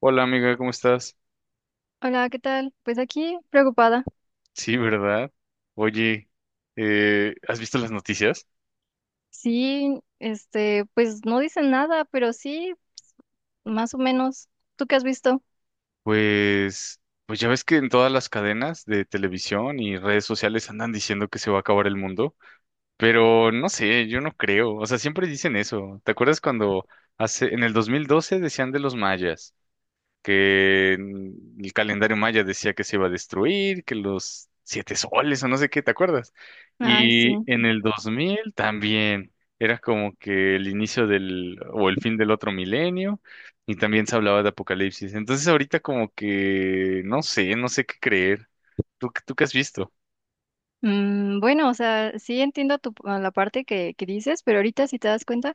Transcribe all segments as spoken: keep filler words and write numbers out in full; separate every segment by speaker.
Speaker 1: Hola amiga, ¿cómo estás?
Speaker 2: Hola, ¿qué tal? Pues aquí preocupada.
Speaker 1: Sí, ¿verdad? Oye, eh, ¿has visto las noticias?
Speaker 2: Sí, este, pues no dicen nada, pero sí, más o menos. ¿Tú qué has visto?
Speaker 1: Pues, pues ya ves que en todas las cadenas de televisión y redes sociales andan diciendo que se va a acabar el mundo, pero no sé, yo no creo, o sea, siempre dicen eso. ¿Te acuerdas cuando hace, en el dos mil doce decían de los mayas? Que el calendario maya decía que se iba a destruir, que los siete soles o no sé qué, ¿te acuerdas?
Speaker 2: Ay, sí.
Speaker 1: Y en el dos mil también era como que el inicio del o el fin del otro milenio y también se hablaba de apocalipsis. Entonces ahorita como que no sé, no sé qué creer. ¿Tú, tú qué has visto?
Speaker 2: Mm, bueno, o sea, sí entiendo tu, a la parte que, que dices, pero ahorita si te das cuenta,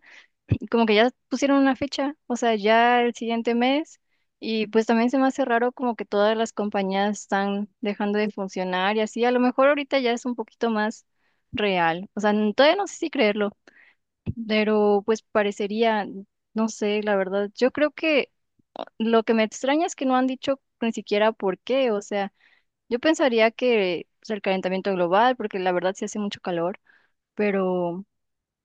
Speaker 2: como que ya pusieron una fecha, o sea, ya el siguiente mes, y pues también se me hace raro como que todas las compañías están dejando de funcionar y así, a lo mejor ahorita ya es un poquito más real, o sea, n- todavía no sé si creerlo. Pero pues parecería, no sé, la verdad, yo creo que lo que me extraña es que no han dicho ni siquiera por qué, o sea, yo pensaría que es el calentamiento global, porque la verdad sí hace mucho calor, pero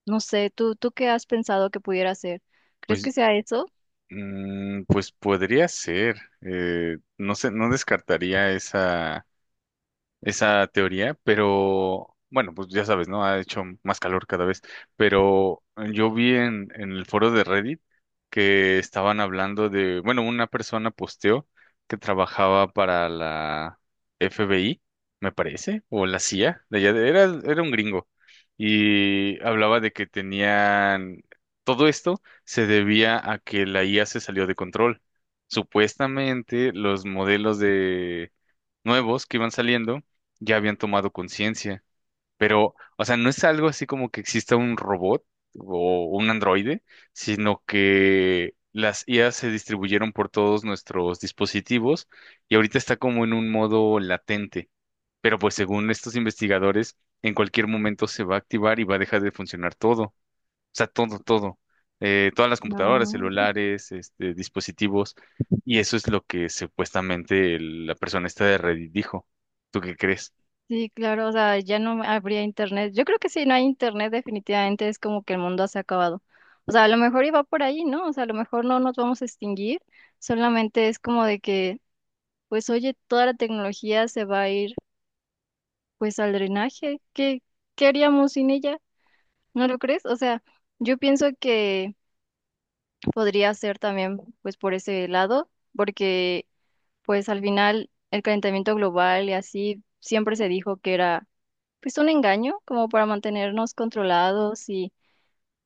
Speaker 2: no sé, ¿tú, tú qué has pensado que pudiera ser? ¿Crees que
Speaker 1: Pues,
Speaker 2: sea eso?
Speaker 1: mm, pues podría ser. Eh, no sé, no descartaría esa esa teoría, pero bueno, pues ya sabes, ¿no? Ha hecho más calor cada vez, pero yo vi en, en el foro de Reddit que estaban hablando de, bueno, una persona posteó que trabajaba para la F B I, me parece, o la C I A, de allá de- era, era un gringo, y hablaba de que tenían, todo esto se debía a que la I A se salió de control. Supuestamente los modelos nuevos que iban saliendo ya habían tomado conciencia. Pero, o sea, no es algo así como que exista un robot o un androide, sino que las I A se distribuyeron por todos nuestros dispositivos y ahorita está como en un modo latente. Pero pues según estos investigadores, en cualquier momento se va a activar y va a dejar de funcionar todo. O sea, todo, todo. Eh, todas las computadoras,
Speaker 2: No.
Speaker 1: celulares, este, dispositivos. Y eso es lo que supuestamente el- la persona esta de Reddit dijo. ¿Tú qué crees?
Speaker 2: Sí, claro, o sea, ya no habría internet. Yo creo que si no hay internet, definitivamente es como que el mundo se ha acabado. O sea, a lo mejor iba por ahí, ¿no? O sea, a lo mejor no nos vamos a extinguir, solamente es como de que pues oye, toda la tecnología se va a ir pues al drenaje. ¿Qué, qué haríamos sin ella? ¿No lo crees? O sea, yo pienso que podría ser también pues por ese lado, porque pues al final el calentamiento global y así siempre se dijo que era pues un engaño como para mantenernos controlados y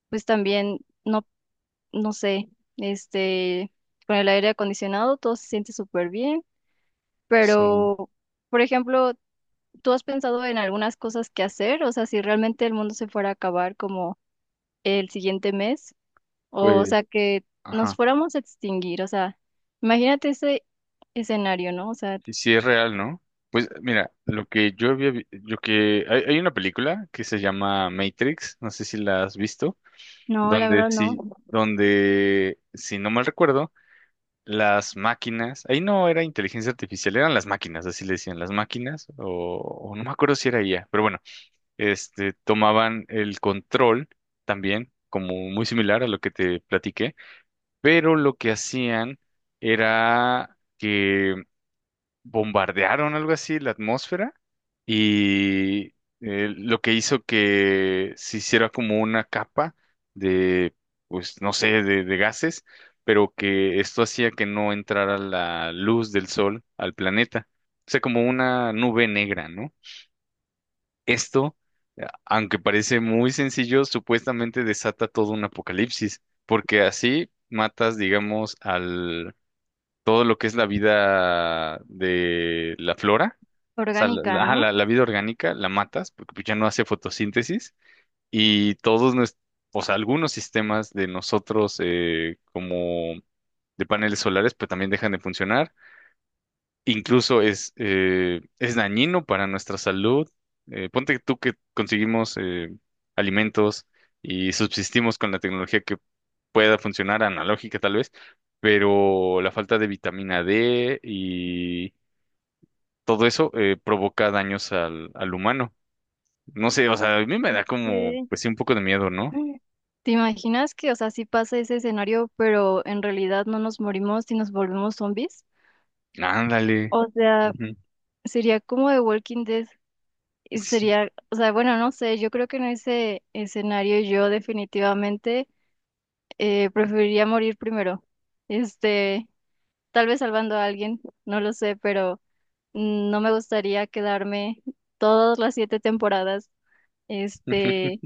Speaker 2: pues también no, no sé, este, con el aire acondicionado todo se siente súper bien,
Speaker 1: Sí,
Speaker 2: pero... Por ejemplo, ¿tú has pensado en algunas cosas que hacer? O sea, si realmente el mundo se fuera a acabar como el siguiente mes, o,
Speaker 1: pues,
Speaker 2: sea, que nos
Speaker 1: ajá.
Speaker 2: fuéramos a extinguir, o sea, imagínate ese escenario, ¿no? O sea,
Speaker 1: Y si es real, ¿no? Pues mira, lo que yo había, vi- lo que hay, hay una película que se llama Matrix, no sé si la has visto,
Speaker 2: no, la
Speaker 1: donde
Speaker 2: verdad no,
Speaker 1: sí, donde si no mal recuerdo, las máquinas, ahí no era inteligencia artificial, eran las máquinas, así le decían, las máquinas, o, o no me acuerdo si era ella, pero bueno, este, tomaban el control también, como muy similar a lo que te platiqué, pero lo que hacían era que bombardearon algo así la atmósfera y eh, lo que hizo que se hiciera como una capa de, pues no sé, de, de gases, pero que esto hacía que no entrara la luz del sol al planeta. O sea, como una nube negra, ¿no? Esto, eh, aunque parece muy sencillo, supuestamente desata todo un apocalipsis, porque así matas, digamos, al todo lo que es la vida de la flora, o sea, la,
Speaker 2: orgánica,
Speaker 1: la- ajá,
Speaker 2: ¿no?
Speaker 1: la- la vida orgánica la matas, porque pues, ya no hace fotosíntesis, y todos nuestros, o sea, algunos sistemas de nosotros eh, como de paneles solares, pues también dejan de funcionar incluso es, eh, es dañino para nuestra salud. Eh, ponte tú que conseguimos eh, alimentos y subsistimos con la tecnología que pueda funcionar, analógica tal vez, pero la falta de vitamina D y todo eso eh, provoca daños al, al humano. No sé, o sea, a mí me da como,
Speaker 2: ¿Qué?
Speaker 1: pues sí, un poco de miedo, ¿no?
Speaker 2: ¿Te imaginas que, o sea, sí pasa ese escenario, pero en realidad no nos morimos y nos volvemos zombies?
Speaker 1: Ándale.
Speaker 2: O sea,
Speaker 1: Ujú.
Speaker 2: sería como de Walking Dead y
Speaker 1: Sí.
Speaker 2: sería, o sea, bueno, no sé, yo creo que en ese escenario yo definitivamente eh, preferiría morir primero. Este, tal vez salvando a alguien, no lo sé, pero mm, no me gustaría quedarme todas las siete temporadas, este,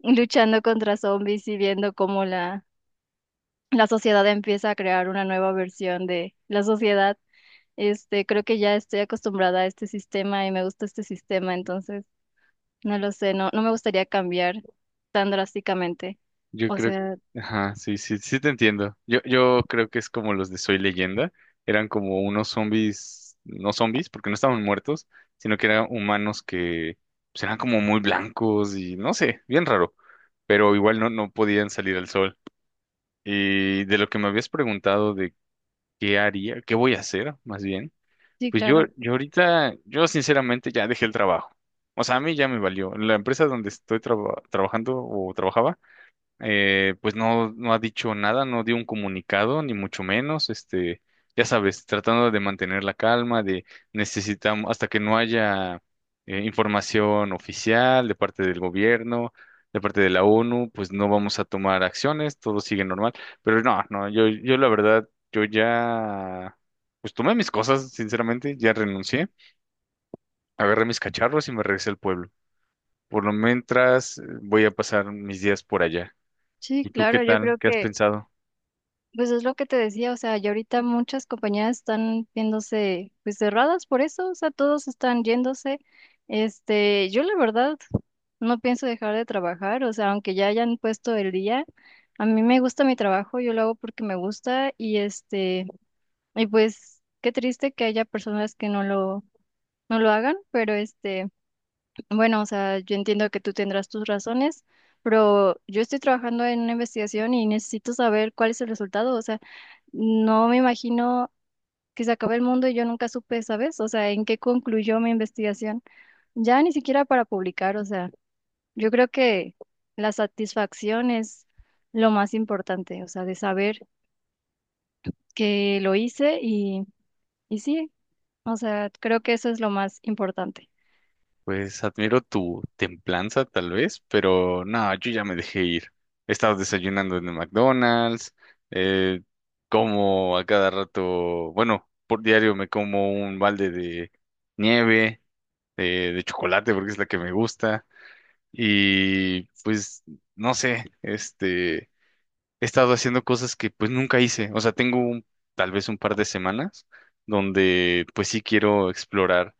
Speaker 2: luchando contra zombies y viendo cómo la, la sociedad empieza a crear una nueva versión de la sociedad. Este, creo que ya estoy acostumbrada a este sistema y me gusta este sistema, entonces no lo sé, no, no me gustaría cambiar tan drásticamente.
Speaker 1: Yo
Speaker 2: O
Speaker 1: creo,
Speaker 2: sea,
Speaker 1: ajá, sí, sí, sí te entiendo. Yo, yo creo que es como los de Soy Leyenda. Eran como unos zombies, no zombies, porque no estaban muertos, sino que eran humanos que pues, eran como muy blancos y no sé, bien raro. Pero igual no, no podían salir al sol. Y de lo que me habías preguntado de qué haría, qué voy a hacer, más bien,
Speaker 2: sí,
Speaker 1: pues yo,
Speaker 2: claro.
Speaker 1: yo ahorita, yo sinceramente ya dejé el trabajo. O sea, a mí ya me valió. La empresa donde estoy traba- trabajando o trabajaba eh, pues no, no ha dicho nada, no dio un comunicado, ni mucho menos, este, ya sabes, tratando de mantener la calma, de necesitamos, hasta que no haya eh, información oficial de parte del gobierno, de parte de la ONU, pues no vamos a tomar acciones, todo sigue normal, pero no, no, yo, yo la verdad, yo ya, pues tomé mis cosas, sinceramente, ya renuncié, agarré mis cacharros y me regresé al pueblo. Por lo mientras, eh, voy a pasar mis días por allá.
Speaker 2: Sí,
Speaker 1: ¿Y tú qué
Speaker 2: claro, yo
Speaker 1: tal?
Speaker 2: creo
Speaker 1: ¿Qué has
Speaker 2: que
Speaker 1: pensado?
Speaker 2: pues es lo que te decía, o sea, y ahorita muchas compañías están viéndose pues cerradas por eso, o sea, todos están yéndose. Este, yo la verdad no pienso dejar de trabajar, o sea, aunque ya hayan puesto el día, a mí me gusta mi trabajo, yo lo hago porque me gusta y este, y pues qué triste que haya personas que no lo no lo hagan, pero este, bueno, o sea, yo entiendo que tú tendrás tus razones. Pero yo estoy trabajando en una investigación y necesito saber cuál es el resultado. O sea, no me imagino que se acabe el mundo y yo nunca supe, ¿sabes? O sea, en qué concluyó mi investigación. Ya ni siquiera para publicar, o sea, yo creo que la satisfacción es lo más importante, o sea, de saber que lo hice y, y sí, o sea, creo que eso es lo más importante.
Speaker 1: Pues admiro tu templanza tal vez, pero no, yo ya me dejé ir. He estado desayunando en el McDonald's, eh, como a cada rato, bueno, por diario me como un balde de nieve, de, de chocolate porque es la que me gusta. Y pues, no sé, este, he estado haciendo cosas que pues nunca hice. O sea, tengo un- tal vez un par de semanas donde pues sí quiero explorar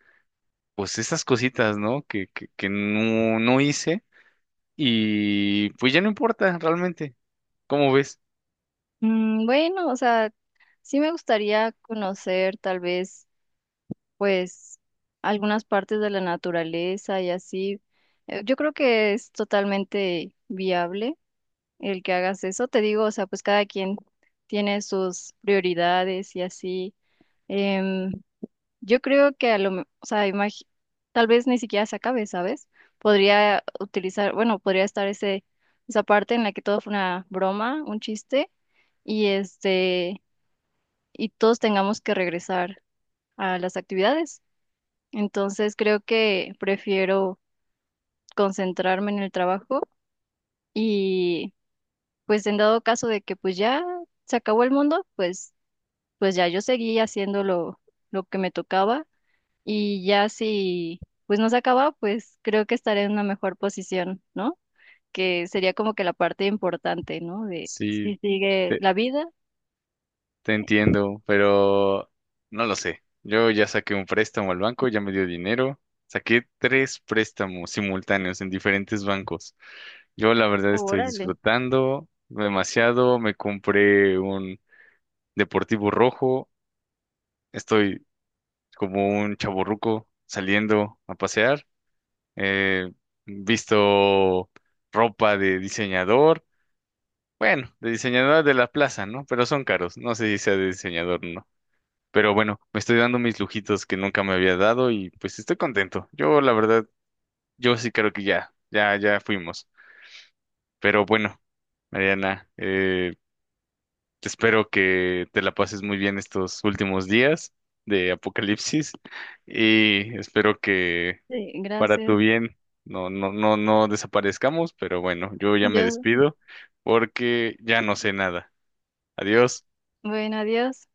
Speaker 1: pues esas cositas, ¿no? Que, que, que no, no hice y pues ya no importa realmente. ¿Cómo ves?
Speaker 2: Mm, bueno, o sea, sí me gustaría conocer tal vez, pues, algunas partes de la naturaleza y así. Eh, Yo creo que es totalmente viable el que hagas eso. Te digo, o sea, pues cada quien tiene sus prioridades y así. Em, yo creo que a lo, me- o sea, imagi- tal vez ni siquiera se acabe, ¿sabes? Podría utilizar, bueno, podría estar ese, esa parte en la que todo fue una broma, un chiste, y este, y todos tengamos que regresar a las actividades. Entonces creo que prefiero concentrarme en el trabajo pues en dado caso de que pues ya se acabó el mundo, pues, pues ya yo seguí haciendo lo, lo que me tocaba y ya si pues no se acaba, pues creo que estaré en una mejor posición, ¿no? Que sería como que la parte importante, ¿no? De
Speaker 1: Sí,
Speaker 2: si sigue
Speaker 1: te,
Speaker 2: la vida.
Speaker 1: te entiendo, pero no lo sé. Yo ya saqué un préstamo al banco, ya me dio dinero. Saqué tres préstamos simultáneos en diferentes bancos. Yo la verdad estoy
Speaker 2: Órale.
Speaker 1: disfrutando demasiado. Me compré un deportivo rojo. Estoy como un chavorruco saliendo a pasear eh, visto ropa de diseñador, bueno, de diseñador de la plaza, ¿no? Pero son caros, no sé si sea de diseñador o no. Pero bueno, me estoy dando mis lujitos que nunca me había dado y pues estoy contento. Yo, la verdad, yo sí creo que ya, ya, ya fuimos. Pero bueno, Mariana, eh, espero que te la pases muy bien estos últimos días de Apocalipsis y espero que
Speaker 2: Sí,
Speaker 1: para tu
Speaker 2: gracias.
Speaker 1: bien, no, no, no, no desaparezcamos, pero bueno, yo ya me
Speaker 2: Yo,
Speaker 1: despido porque ya no sé nada. Adiós.
Speaker 2: bueno, adiós.